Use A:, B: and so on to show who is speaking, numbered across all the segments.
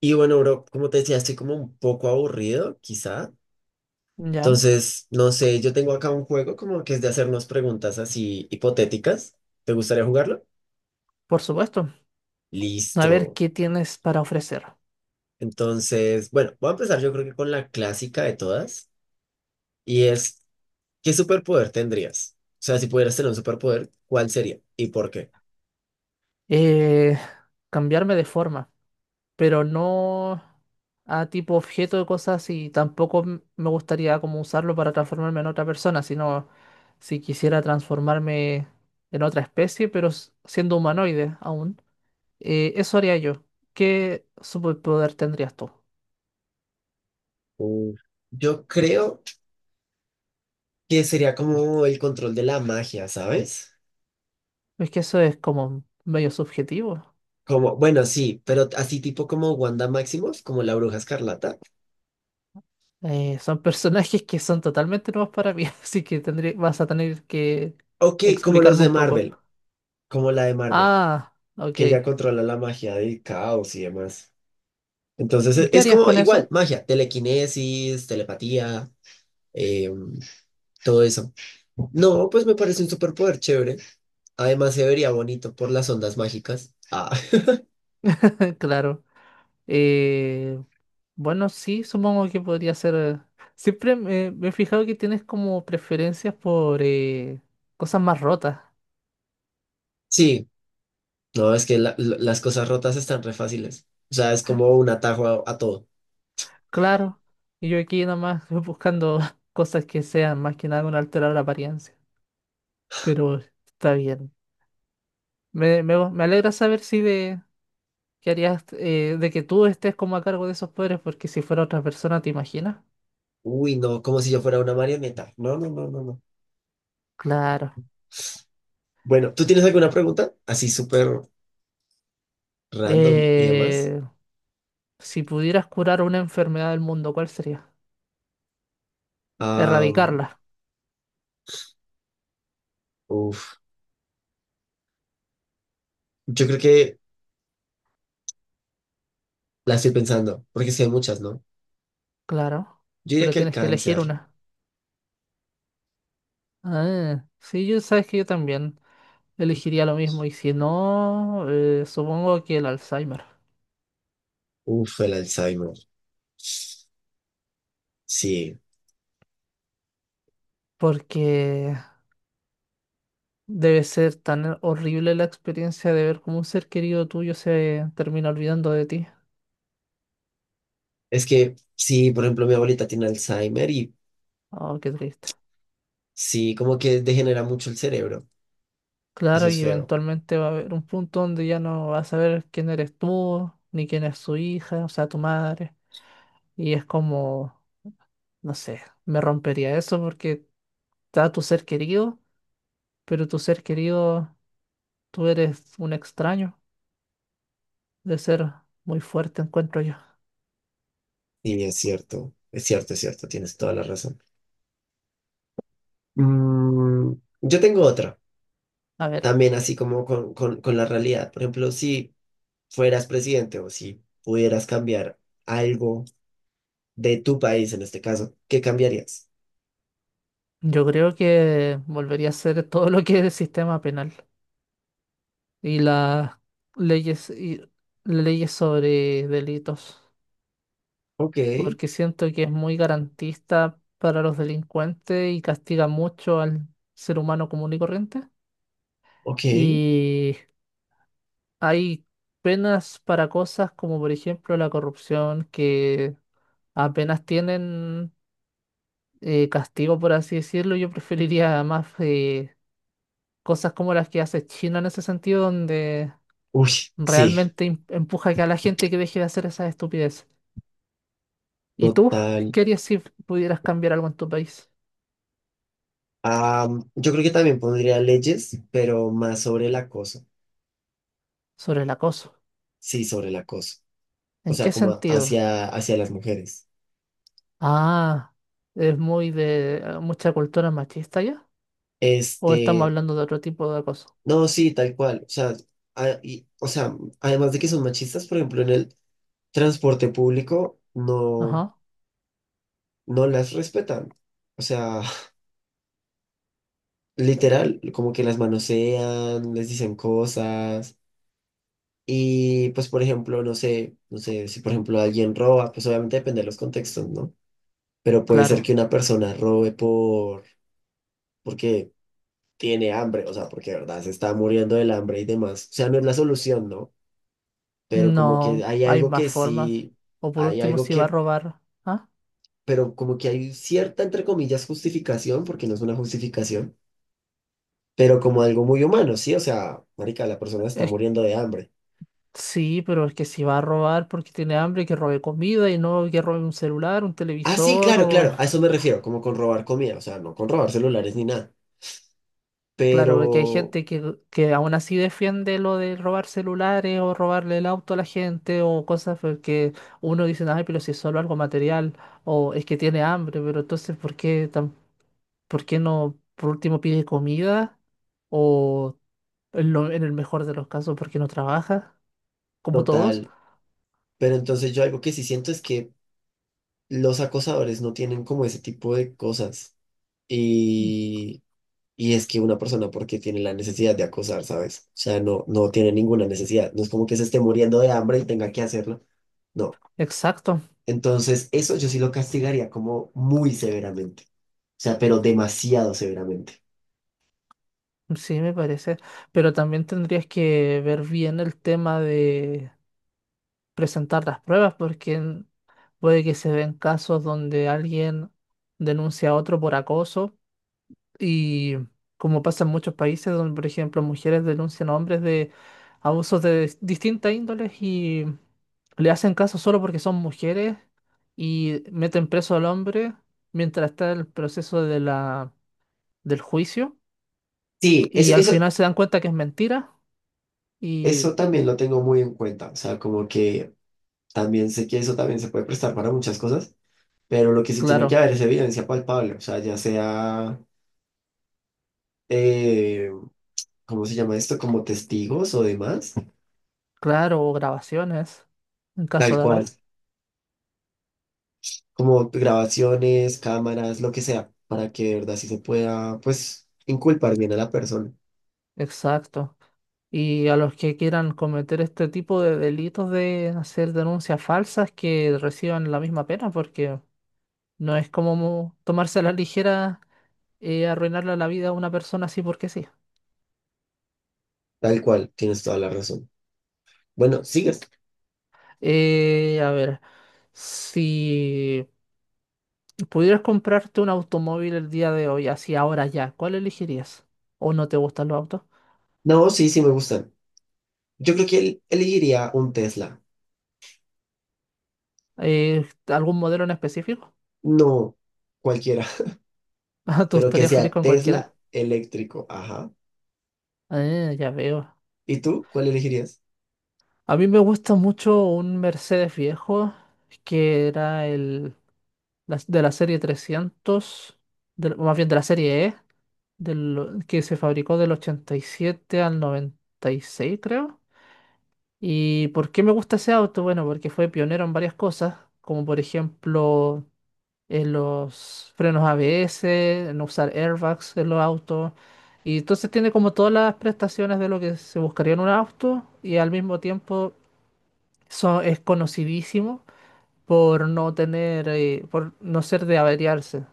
A: Y bueno, bro, como te decía, estoy como un poco aburrido, quizá.
B: Ya,
A: Entonces, no sé, yo tengo acá un juego como que es de hacernos preguntas así hipotéticas. ¿Te gustaría jugarlo?
B: por supuesto. A ver
A: Listo.
B: qué tienes para ofrecer.
A: Entonces, bueno, voy a empezar yo creo que con la clásica de todas. Y es, ¿qué superpoder tendrías? O sea, si pudieras tener un superpoder, ¿cuál sería y por qué?
B: Eh, Cambiarme de forma, pero no a tipo objeto de cosas y tampoco me gustaría como usarlo para transformarme en otra persona, sino si quisiera transformarme en otra especie, pero siendo humanoide aún. Eso haría yo. ¿Qué superpoder tendrías tú?
A: Uh, Yo creo que sería como el control de la magia, ¿sabes?
B: Es que eso es como medio subjetivo.
A: Como, bueno, sí, pero así tipo como Wanda Maximoff, como la Bruja Escarlata.
B: Son personajes que son totalmente nuevos para mí, así que tendré, vas a tener que
A: Ok, como los
B: explicarme
A: de
B: un poco.
A: Marvel, como la de Marvel,
B: Ah, ok.
A: que ella
B: ¿Y
A: controla la magia del caos y demás. Entonces
B: qué
A: es
B: harías
A: como
B: con
A: igual,
B: eso?
A: magia, telequinesis, telepatía, eh, todo eso. No, pues me parece un superpoder chévere. Además se vería bonito por las ondas mágicas. Ah,
B: Claro. Eh, bueno, sí, supongo que podría ser. Siempre me he fijado que tienes como preferencias por cosas más rotas.
A: sí, no, es que las cosas rotas están re fáciles. O sea, es como un atajo a todo.
B: Claro. Y yo aquí nada más buscando cosas que sean más que nada con alterar la apariencia. Pero está bien. Me alegra saber si de ¿Qué harías de que tú estés como a cargo de esos poderes? Porque si fuera otra persona, ¿te imaginas?
A: Uy, no, como si yo fuera una marioneta. No, no, no, no, no.
B: Claro.
A: Bueno, ¿tú tienes alguna pregunta? Así súper random y demás.
B: Eh, si pudieras curar una enfermedad del mundo, ¿cuál sería? Erradicarla.
A: Uf, yo creo que la estoy pensando, porque sí hay muchas, ¿no?
B: Claro.
A: Yo diría
B: Pero
A: que el
B: tienes que elegir
A: cáncer,
B: una. Ah, sí, yo sabes que yo también elegiría lo mismo. Y si no, supongo que el Alzheimer.
A: uf, el Alzheimer. Sí,
B: Porque debe ser tan horrible la experiencia de ver cómo un ser querido tuyo se termina olvidando de ti.
A: es que sí, por ejemplo, mi abuelita tiene Alzheimer y
B: Oh, qué triste.
A: sí, como que degenera mucho el cerebro. Eso
B: Claro,
A: es
B: y
A: feo.
B: eventualmente va a haber un punto donde ya no vas a saber quién eres tú, ni quién es su hija, o sea, tu madre. Y es como, no sé, me rompería eso porque está tu ser querido, pero tu ser querido, tú eres un extraño de ser muy fuerte, encuentro yo.
A: Y es cierto, es cierto, es cierto, tienes toda la razón. Mm, yo tengo otra,
B: A ver,
A: también así como con la realidad. Por ejemplo, si fueras presidente o si pudieras cambiar algo de tu país, en este caso, ¿qué cambiarías?
B: yo creo que volvería a ser todo lo que es el sistema penal y las leyes, y leyes sobre delitos.
A: Ok.
B: Porque siento que es muy garantista para los delincuentes y castiga mucho al ser humano común y corriente.
A: Ok.
B: Y hay penas para cosas como por ejemplo la corrupción que apenas tienen castigo, por así decirlo. Yo preferiría más cosas como las que hace China en ese sentido, donde
A: Uy, sí,
B: realmente empuja que a la gente que deje de hacer esas estupideces. ¿Y tú?
A: total.
B: ¿Qué harías si pudieras cambiar algo en tu país
A: Am, yo creo que también pondría leyes, pero más sobre el acoso.
B: sobre el acoso?
A: Sí, sobre el acoso. O
B: ¿En
A: sea,
B: qué
A: como
B: sentido?
A: hacia, hacia las mujeres.
B: Ah, es muy de mucha cultura machista ya. ¿O estamos
A: Este,
B: hablando de otro tipo de acoso?
A: no, sí, tal cual. O sea, o sea, además de que son machistas, por ejemplo, en el transporte público no,
B: Ajá,
A: no las respetan. O sea, literal, como que las manosean, les dicen cosas. Y pues, por ejemplo, no sé, no sé, si por ejemplo alguien roba, pues obviamente depende de los contextos, ¿no? Pero puede ser que
B: claro.
A: una persona robe por, porque tiene hambre, o sea, porque de verdad se está muriendo del hambre y demás. O sea, no es la solución, ¿no? Pero como que
B: No,
A: hay
B: hay
A: algo
B: más
A: que
B: formas.
A: sí,
B: O por
A: hay
B: último,
A: algo
B: si va a
A: que,
B: robar. ¿Ah?
A: pero como que hay cierta, entre comillas, justificación, porque no es una justificación, pero como algo muy humano, ¿sí? O sea, marica, la persona está
B: Es,
A: muriendo de hambre.
B: sí, pero es que si va a robar porque tiene hambre, que robe comida y no que robe un celular, un
A: Ah, sí,
B: televisor
A: claro,
B: o
A: claro, a eso me refiero, como con robar comida, o sea, no con robar celulares ni nada.
B: claro, porque hay
A: Pero,
B: gente que aún así defiende lo de robar celulares o robarle el auto a la gente o cosas porque uno dice, ay, pero si es solo algo material o es que tiene hambre, pero entonces, ¿por qué, por qué no, por último, pide comida? O en, en el mejor de los casos, ¿por qué no trabaja? Como todos.
A: total. Pero entonces yo algo que sí siento es que los acosadores no tienen como ese tipo de cosas.
B: Mm.
A: Y, y es que una persona porque tiene la necesidad de acosar, ¿sabes? O sea, no, no tiene ninguna necesidad. No es como que se esté muriendo de hambre y tenga que hacerlo. No.
B: Exacto,
A: Entonces, eso yo sí lo castigaría como muy severamente. O sea, pero demasiado severamente.
B: sí, me parece. Pero también tendrías que ver bien el tema presentar las pruebas porque puede que se ven casos donde alguien denuncia a otro por acoso y como pasa en muchos países donde, por ejemplo, mujeres denuncian a hombres de abusos de distintas índoles y le hacen caso solo porque son mujeres y meten preso al hombre mientras está el proceso de la, del juicio
A: Sí, eso,
B: y al
A: eso,
B: final se dan cuenta que es mentira y
A: eso también lo tengo muy en cuenta. O sea, como que también sé que eso también se puede prestar para muchas cosas. Pero lo que sí tiene que
B: claro,
A: haber es evidencia palpable, o sea, ya sea, eh, ¿cómo se llama esto? Como testigos o demás,
B: claro, o grabaciones en caso
A: tal
B: de
A: cual,
B: haber.
A: como grabaciones, cámaras, lo que sea, para que de verdad sí se pueda, pues, inculpar bien a la persona,
B: Exacto. Y a los que quieran cometer este tipo de delitos de hacer denuncias falsas que reciban la misma pena, porque no es como tomarse a la ligera arruinarle la vida a una persona así porque sí.
A: tal cual, tienes toda la razón. Bueno, sigues.
B: A ver, si pudieras comprarte un automóvil el día de hoy, así ahora ya, ¿cuál elegirías? ¿O no te gustan los autos?
A: No, sí, sí me gustan. Yo creo que él elegiría un Tesla,
B: ¿algún modelo en específico?
A: no cualquiera,
B: Ah, tú
A: pero que
B: estarías feliz
A: sea
B: con cualquiera.
A: Tesla eléctrico, ajá.
B: Ah, ya veo.
A: ¿Y tú cuál elegirías?
B: A mí me gusta mucho un Mercedes viejo que era el de la serie 300 más bien de la serie E, del, que se fabricó del 87 al 96 creo. ¿Y por qué me gusta ese auto? Bueno, porque fue pionero en varias cosas, como por ejemplo en los frenos ABS, en usar airbags en los autos. Y entonces tiene como todas las prestaciones de lo que se buscaría en un auto y al mismo tiempo es conocidísimo por no tener, por no ser de averiarse.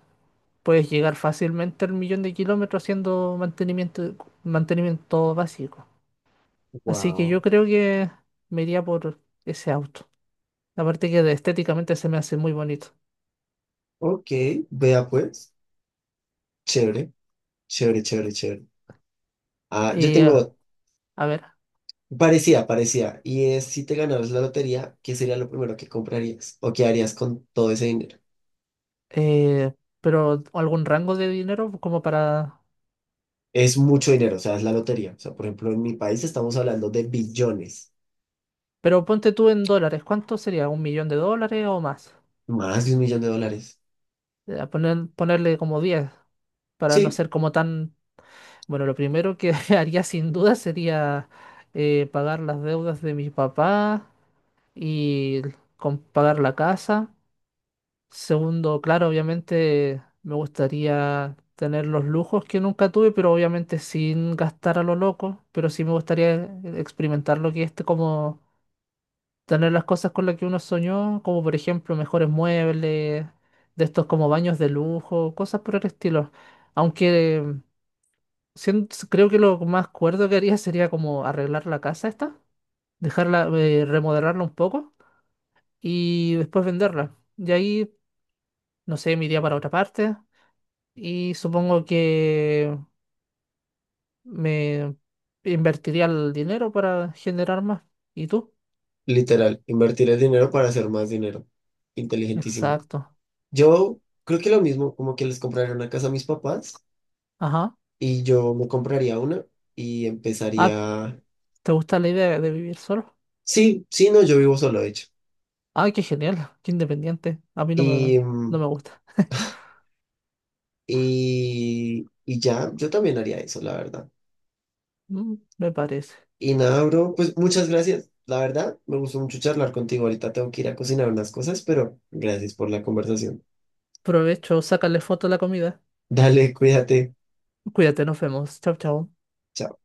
B: Puedes llegar fácilmente al millón de kilómetros haciendo mantenimiento básico. Así que yo
A: Wow.
B: creo que me iría por ese auto. Aparte que estéticamente se me hace muy bonito.
A: Ok, vea pues, chévere. Chévere, chévere, chévere. Ah, yo
B: Y eh,
A: tengo
B: a ver,
A: parecía, parecía. Y es si te ganaras la lotería, ¿qué sería lo primero que comprarías o qué harías con todo ese dinero?
B: eh, pero algún rango de dinero como para...
A: Es mucho dinero, o sea, es la lotería. O sea, por ejemplo, en mi país estamos hablando de billones,
B: Pero ponte tú en dólares, ¿cuánto sería? ¿Un millón de dólares o más?
A: más de 1 millón de dólares.
B: Ponerle como 10 para no
A: Sí,
B: ser como tan bueno, lo primero que haría sin duda sería pagar las deudas de mi papá y pagar la casa. Segundo, claro, obviamente me gustaría tener los lujos que nunca tuve, pero obviamente sin gastar a lo loco. Pero sí me gustaría experimentar lo que es este, como tener las cosas con las que uno soñó, como por ejemplo mejores muebles, de estos como baños de lujo, cosas por el estilo. Aunque creo que lo más cuerdo que haría sería como arreglar la casa esta, dejarla, remodelarla un poco y después venderla. Y ahí, no sé, me iría para otra parte y supongo que me invertiría el dinero para generar más. ¿Y tú?
A: literal, invertir el dinero para hacer más dinero. Inteligentísimo.
B: Exacto.
A: Yo creo que lo mismo, como que les compraría una casa a mis papás
B: Ajá.
A: y yo me compraría una y
B: Ah,
A: empezaría...
B: ¿te gusta la idea de vivir solo?
A: Sí, sí, no, yo vivo solo, de hecho.
B: Ay, qué genial, qué independiente. A mí no me,
A: y
B: no
A: mm,
B: me gusta.
A: Y ya, yo también haría eso, la verdad.
B: Mm, me parece.
A: Y nada, bro, pues muchas gracias. La verdad, me gustó mucho charlar contigo. Ahorita tengo que ir a cocinar unas cosas, pero gracias por la conversación.
B: Provecho, sácale foto a la comida.
A: Dale, cuídate.
B: Cuídate, nos vemos. Chao, chao.
A: Chao.